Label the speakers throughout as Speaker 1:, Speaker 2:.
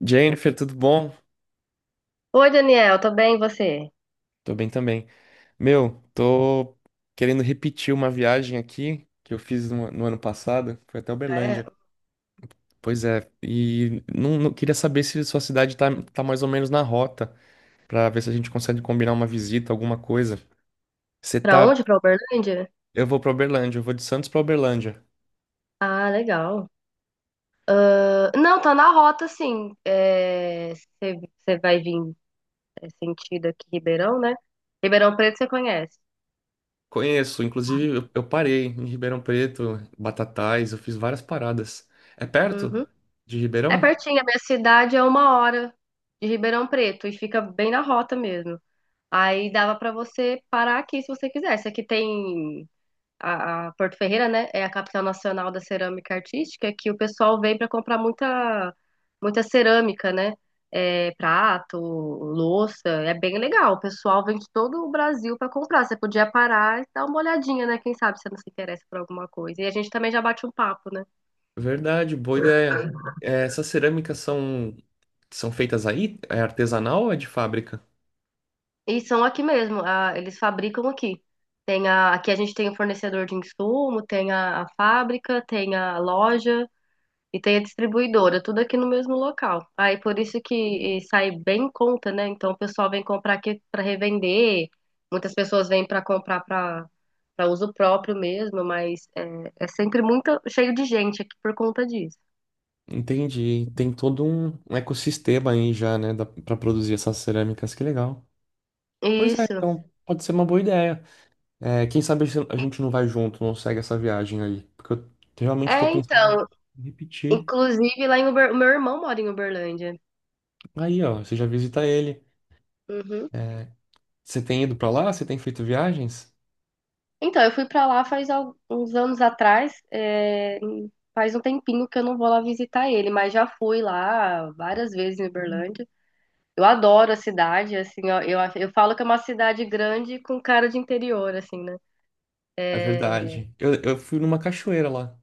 Speaker 1: Jennifer, tudo bom?
Speaker 2: Oi, Daniel, tô bem, e você?
Speaker 1: Tô bem também. Meu, tô querendo repetir uma viagem aqui que eu fiz no ano passado. Foi até
Speaker 2: Ah, é.
Speaker 1: Uberlândia. Pois é, e queria saber se sua cidade tá mais ou menos na rota, pra ver se a gente consegue combinar uma visita, alguma coisa. Você
Speaker 2: Pra
Speaker 1: tá.
Speaker 2: onde? Pra Uberlândia?
Speaker 1: Eu vou pra Uberlândia, eu vou de Santos pra Uberlândia.
Speaker 2: Ah, legal. Ah, não, tá na rota, sim. Você vai vir sentido aqui, Ribeirão, né? Ribeirão Preto você conhece.
Speaker 1: Conheço, inclusive eu parei em Ribeirão Preto, Batatais, eu fiz várias paradas. É perto
Speaker 2: Uhum.
Speaker 1: de
Speaker 2: É
Speaker 1: Ribeirão?
Speaker 2: pertinho, a minha cidade é 1 hora de Ribeirão Preto e fica bem na rota mesmo. Aí dava pra você parar aqui se você quisesse. Aqui tem a Porto Ferreira, né, é a capital nacional da cerâmica artística, que o pessoal vem para comprar muita, muita cerâmica, né? É, prato, louça, é bem legal. O pessoal vem de todo o Brasil para comprar. Você podia parar e dar uma olhadinha, né? Quem sabe você não se interessa por alguma coisa. E a gente também já bate um papo, né?
Speaker 1: Verdade, boa ideia. É, essas cerâmicas são, são feitas aí? É artesanal ou é de fábrica?
Speaker 2: E são aqui mesmo, eles fabricam aqui. Tem aqui a gente tem o fornecedor de insumo, tem a fábrica, tem a loja, e tem a distribuidora, tudo aqui no mesmo local. Aí por isso que e sai bem em conta, né? Então o pessoal vem comprar aqui para revender, muitas pessoas vêm para comprar para uso próprio mesmo, mas é sempre muito cheio de gente aqui por conta disso.
Speaker 1: Entendi. Tem todo um ecossistema aí já, né, pra produzir essas cerâmicas. Que legal. Pois é,
Speaker 2: Isso.
Speaker 1: então pode ser uma boa ideia. É, quem sabe se a gente não vai junto, não segue essa viagem aí. Porque eu realmente tô
Speaker 2: É,
Speaker 1: pensando
Speaker 2: então,
Speaker 1: em repetir.
Speaker 2: inclusive o meu irmão mora em Uberlândia.
Speaker 1: Aí, ó, você já visita ele.
Speaker 2: Uhum.
Speaker 1: É, você tem ido pra lá? Você tem feito viagens?
Speaker 2: Então, eu fui pra lá uns anos atrás, faz um tempinho que eu não vou lá visitar ele, mas já fui lá várias vezes em Uberlândia. Eu adoro a cidade, assim, ó, eu falo que é uma cidade grande com cara de interior, assim, né?
Speaker 1: É
Speaker 2: É.
Speaker 1: verdade. Eu fui numa cachoeira lá.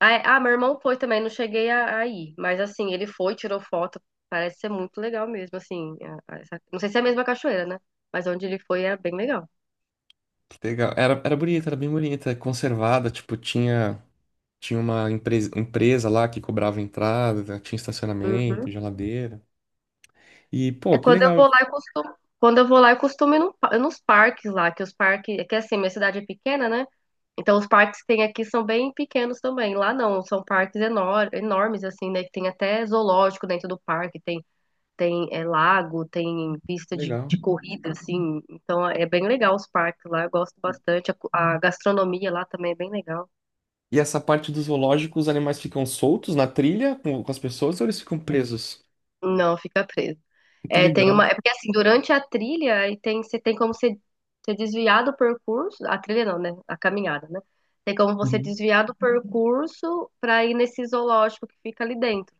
Speaker 2: Ah, meu irmão foi também, não cheguei a ir, mas assim, ele foi, tirou foto, parece ser muito legal mesmo, assim. Não sei se é a mesma cachoeira, né? Mas onde ele foi era bem legal.
Speaker 1: Legal. Era bonita, era bem bonita, conservada, tipo, tinha, tinha uma empresa lá que cobrava entrada, né, tinha
Speaker 2: Uhum.
Speaker 1: estacionamento, geladeira. E,
Speaker 2: É,
Speaker 1: pô, que
Speaker 2: quando eu
Speaker 1: legal,
Speaker 2: vou
Speaker 1: que
Speaker 2: lá, quando eu vou lá, eu costumo ir nos parques lá, que os parques, é que assim, minha cidade é pequena, né? Então, os parques que tem aqui são bem pequenos também. Lá não, são parques enormes, assim, né? Que tem até zoológico dentro do parque, tem lago, tem pista de,
Speaker 1: legal.
Speaker 2: de corrida, assim. Então, é bem legal os parques lá, eu gosto bastante. A gastronomia lá também é bem legal.
Speaker 1: E essa parte do zoológico, os animais ficam soltos na trilha com as pessoas ou eles ficam presos?
Speaker 2: Não, fica preso.
Speaker 1: Que
Speaker 2: É, tem
Speaker 1: legal.
Speaker 2: é porque, assim, durante a trilha, aí tem, você tem como você desviar do percurso, a trilha não, né? A caminhada, né? Tem como você
Speaker 1: Uhum.
Speaker 2: desviar do percurso para ir nesse zoológico que fica ali dentro.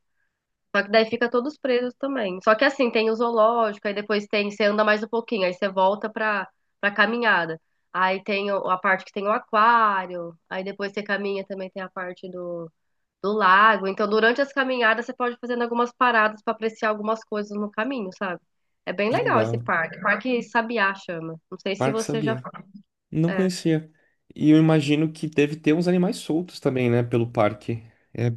Speaker 2: Só que daí fica todos presos também. Só que assim, tem o zoológico, aí depois tem, você anda mais um pouquinho, aí você volta pra caminhada. Aí tem a parte que tem o aquário, aí depois você caminha também tem a parte do lago. Então, durante as caminhadas, você pode ir fazendo algumas paradas pra apreciar algumas coisas no caminho, sabe? É bem
Speaker 1: Que
Speaker 2: legal esse
Speaker 1: legal.
Speaker 2: parque. Parque Sabiá chama. Não sei se
Speaker 1: Parque
Speaker 2: você já.
Speaker 1: Sabiá. Não
Speaker 2: É.
Speaker 1: conhecia. E eu imagino que deve ter uns animais soltos também, né, pelo parque. É,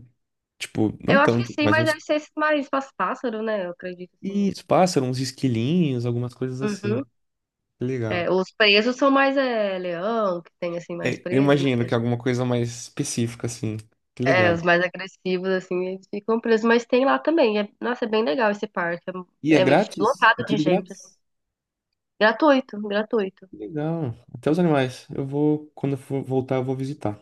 Speaker 1: tipo, não
Speaker 2: Eu acho que
Speaker 1: tanto,
Speaker 2: sim,
Speaker 1: mas
Speaker 2: mas
Speaker 1: uns,
Speaker 2: deve ser esse mais pássaro, né? Eu acredito, assim.
Speaker 1: isso, pássaros, uns esquilinhos, algumas coisas assim.
Speaker 2: Uhum.
Speaker 1: Que
Speaker 2: É,
Speaker 1: legal.
Speaker 2: os presos são mais leão, que tem assim mais
Speaker 1: É, eu
Speaker 2: preso,
Speaker 1: imagino
Speaker 2: né?
Speaker 1: que é alguma coisa mais específica, assim. Que
Speaker 2: É,
Speaker 1: legal.
Speaker 2: os mais agressivos, assim, eles ficam presos, mas tem lá também. Nossa, é bem legal esse parque.
Speaker 1: E é
Speaker 2: É
Speaker 1: grátis? É
Speaker 2: lotado de
Speaker 1: tudo
Speaker 2: gente, assim.
Speaker 1: grátis?
Speaker 2: Gratuito, gratuito.
Speaker 1: Que legal. Até os animais. Eu vou, quando eu for voltar, eu vou visitar.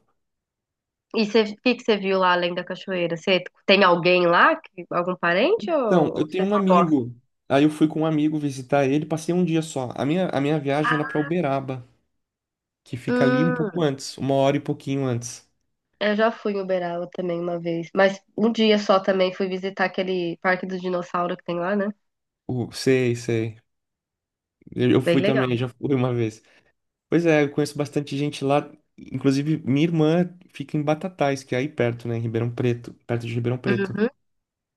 Speaker 2: E o que que você viu lá além da cachoeira? Você tem alguém lá? Algum parente
Speaker 1: Então,
Speaker 2: ou
Speaker 1: eu tenho
Speaker 2: você
Speaker 1: um
Speaker 2: só gosta?
Speaker 1: amigo. Aí eu fui com um amigo visitar ele, passei um dia só. A minha viagem era pra Uberaba, que fica ali um
Speaker 2: Hum,
Speaker 1: pouco antes, uma hora e pouquinho antes.
Speaker 2: eu já fui em Uberaba também uma vez, mas um dia só também fui visitar aquele parque do dinossauro que tem lá, né?
Speaker 1: Sei, sei. Eu
Speaker 2: Bem
Speaker 1: fui também,
Speaker 2: legal.
Speaker 1: já fui uma vez. Pois é, eu conheço bastante gente lá. Inclusive, minha irmã fica em Batatais, que é aí perto, né, em Ribeirão Preto, perto de Ribeirão Preto.
Speaker 2: Uhum.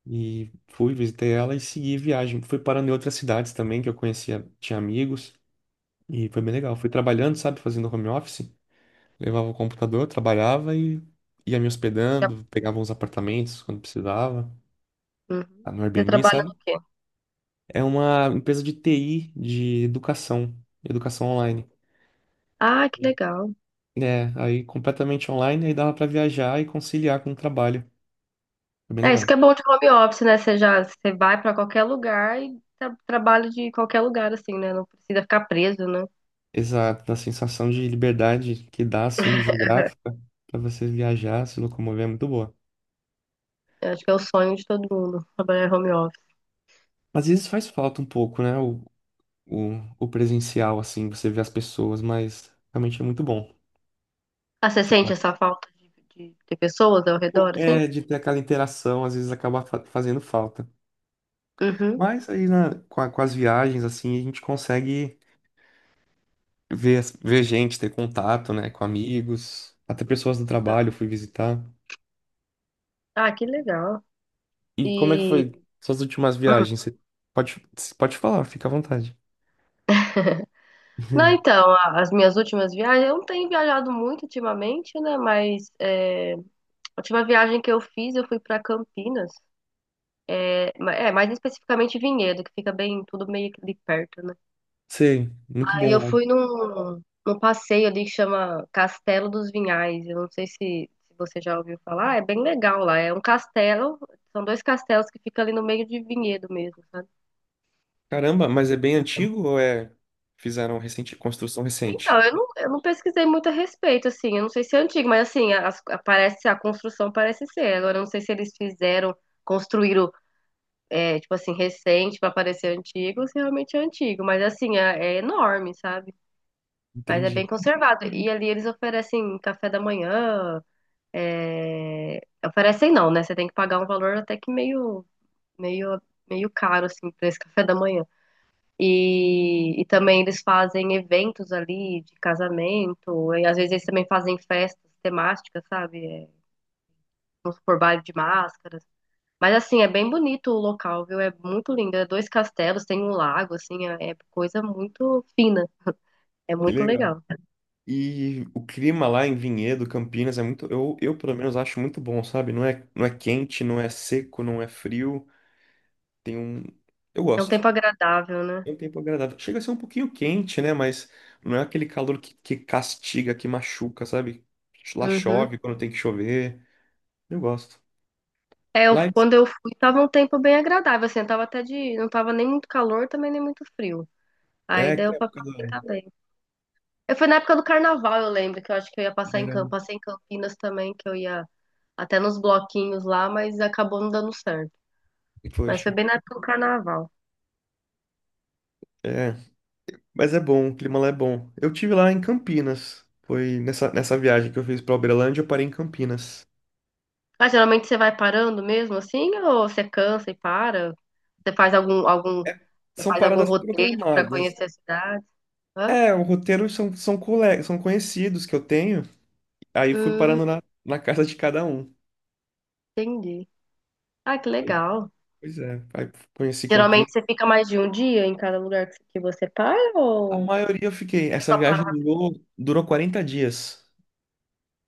Speaker 1: E fui, visitei ela e segui viagem. Fui parando em outras cidades também que eu conhecia, tinha amigos, e foi bem legal. Fui trabalhando, sabe, fazendo home office, levava o computador, trabalhava e ia me
Speaker 2: já-
Speaker 1: hospedando, pegava uns apartamentos quando precisava,
Speaker 2: uhum.
Speaker 1: tá, no
Speaker 2: Você
Speaker 1: Airbnb,
Speaker 2: trabalha
Speaker 1: sabe?
Speaker 2: no quê?
Speaker 1: É uma empresa de TI, de educação, educação online.
Speaker 2: Ah, que legal.
Speaker 1: É, aí completamente online, aí dava pra viajar e conciliar com o trabalho. Foi bem
Speaker 2: É, isso que
Speaker 1: legal.
Speaker 2: é bom de home office, né? Você vai pra qualquer lugar e trabalha de qualquer lugar, assim, né? Não precisa ficar preso, né?
Speaker 1: Exato, da sensação de liberdade que dá, assim, geográfica, para você viajar, se locomover, é muito boa.
Speaker 2: Eu acho que é o sonho de todo mundo, trabalhar home office.
Speaker 1: Às vezes faz falta um pouco, né? O, o presencial, assim, você vê as pessoas, mas realmente é muito bom.
Speaker 2: Ah, você
Speaker 1: Tem
Speaker 2: sente
Speaker 1: ba-
Speaker 2: essa falta de pessoas ao redor, assim?
Speaker 1: É, de ter aquela interação, às vezes acaba fazendo falta.
Speaker 2: Uhum.
Speaker 1: Mas aí com as viagens, assim, a gente consegue ver, ver gente, ter contato, né, com amigos, até pessoas do trabalho eu fui visitar.
Speaker 2: Ah, que legal.
Speaker 1: E como é que
Speaker 2: E...
Speaker 1: foi suas últimas
Speaker 2: hum.
Speaker 1: viagens? Você pode, pode falar, fica à vontade.
Speaker 2: Não,
Speaker 1: Uhum.
Speaker 2: então, as minhas últimas viagens, eu não tenho viajado muito ultimamente, né? Mas a última viagem que eu fiz, eu fui pra Campinas. Mais especificamente Vinhedo, que fica bem, tudo meio que ali perto, né?
Speaker 1: Sei, muito
Speaker 2: Aí eu
Speaker 1: bom.
Speaker 2: fui num passeio ali que chama Castelo dos Vinhais. Eu não sei se você já ouviu falar, é bem legal lá. É um castelo, são dois castelos que ficam ali no meio de vinhedo mesmo, sabe?
Speaker 1: Caramba, mas é bem antigo ou é fizeram recente, construção recente?
Speaker 2: Então, eu não pesquisei muito a respeito, assim. Eu não sei se é antigo, mas assim, parece, a construção parece ser. Agora, eu não sei se eles fizeram, construíram, tipo assim, recente para parecer antigo, ou se realmente é antigo. Mas assim, é enorme, sabe? Mas é bem
Speaker 1: Entendi.
Speaker 2: conservado. E ali eles oferecem café da manhã. É, oferecem não, né? Você tem que pagar um valor até que meio, meio caro, assim, pra esse café da manhã. E também eles fazem eventos ali de casamento, e às vezes eles também fazem festas temáticas, sabe? É, vamos supor, baile de máscaras. Mas assim, é bem bonito o local, viu? É muito lindo. É dois castelos, tem um lago, assim, é coisa muito fina. É
Speaker 1: Que
Speaker 2: muito
Speaker 1: legal.
Speaker 2: legal.
Speaker 1: E o clima lá em Vinhedo, Campinas, é muito, eu pelo menos acho muito bom, sabe? Não é quente, não é seco, não é frio. Tem um, eu
Speaker 2: É um
Speaker 1: gosto.
Speaker 2: tempo agradável, né?
Speaker 1: É um tempo agradável. Chega a ser um pouquinho quente, né? Mas não é aquele calor que castiga, que machuca, sabe? Lá
Speaker 2: Uhum.
Speaker 1: chove quando tem que chover. Eu gosto.
Speaker 2: É,
Speaker 1: Lá em-
Speaker 2: quando eu fui, tava um tempo bem agradável, assim, tava até não tava nem muito calor, também nem muito frio. Aí
Speaker 1: É que
Speaker 2: deu pra
Speaker 1: época do ano?
Speaker 2: aproveitar bem. Eu fui na época do carnaval, eu lembro, que eu acho que eu ia passar
Speaker 1: Verão.
Speaker 2: passei em Campinas também, que eu ia até nos bloquinhos lá, mas acabou não dando certo. Mas
Speaker 1: Poxa.
Speaker 2: foi bem na época do carnaval.
Speaker 1: É. Mas é bom, o clima lá é bom. Eu tive lá em Campinas. Foi nessa viagem que eu fiz pra Uberlândia, eu parei em Campinas.
Speaker 2: Ah, geralmente você vai parando mesmo, assim, ou você cansa e para? Você faz algum, algum,
Speaker 1: É,
Speaker 2: você
Speaker 1: são
Speaker 2: faz algum
Speaker 1: paradas
Speaker 2: roteiro pra
Speaker 1: programadas.
Speaker 2: conhecer a cidade? Hã?
Speaker 1: É, o roteiro são são conhecidos que eu tenho. Aí fui
Speaker 2: Hum,
Speaker 1: parando na casa de cada um.
Speaker 2: Entendi. Ah, que
Speaker 1: Aí,
Speaker 2: legal.
Speaker 1: pois é, aí conheci
Speaker 2: Geralmente
Speaker 1: Campinas.
Speaker 2: você fica mais de um dia em cada lugar que você para,
Speaker 1: A
Speaker 2: ou
Speaker 1: maioria eu fiquei.
Speaker 2: você
Speaker 1: Essa
Speaker 2: só para
Speaker 1: viagem
Speaker 2: rápido?
Speaker 1: durou 40 dias.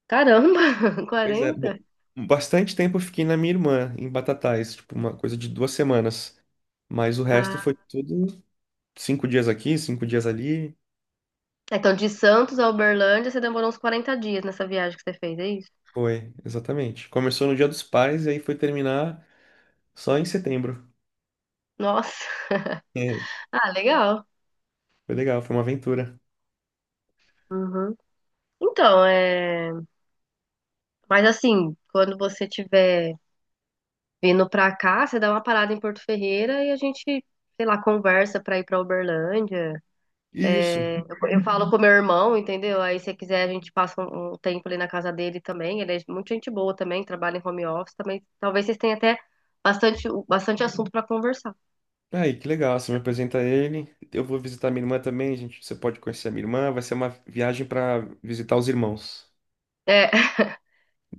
Speaker 2: Caramba,
Speaker 1: Pois é,
Speaker 2: 40.
Speaker 1: bastante tempo eu fiquei na minha irmã, em Batatais, tipo, uma coisa de 2 semanas. Mas o resto
Speaker 2: Ah,
Speaker 1: foi tudo 5 dias aqui, cinco dias ali.
Speaker 2: é, então de Santos a Uberlândia você demorou uns 40 dias nessa viagem que você fez, é isso?
Speaker 1: Foi, exatamente. Começou no Dia dos Pais e aí foi terminar só em setembro.
Speaker 2: Nossa,
Speaker 1: É,
Speaker 2: ah, legal.
Speaker 1: foi legal, foi uma aventura.
Speaker 2: Uhum. Então, é. Mas assim, quando você tiver vindo pra cá, você dá uma parada em Porto Ferreira e a gente, sei lá, conversa pra ir pra Uberlândia.
Speaker 1: E isso.
Speaker 2: Eu falo com meu irmão, entendeu? Aí, se quiser, a gente passa um tempo ali na casa dele também. Ele é muito gente boa também, trabalha em home office também. Talvez vocês tenham até bastante, bastante assunto para conversar.
Speaker 1: Aí, que legal. Você me apresenta ele. Eu vou visitar minha irmã também, gente. Você pode conhecer a minha irmã. Vai ser uma viagem para visitar os irmãos.
Speaker 2: É.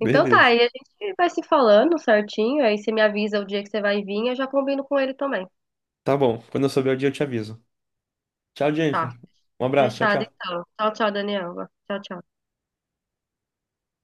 Speaker 2: Então tá, aí a gente vai se falando certinho. Aí você me avisa o dia que você vai vir, eu já combino com ele também.
Speaker 1: Tá bom. Quando eu souber o dia, eu te aviso. Tchau, Jennifer. Um abraço. Tchau,
Speaker 2: Fechado,
Speaker 1: tchau.
Speaker 2: então. Tchau, tchau, Daniel. Tchau, tchau.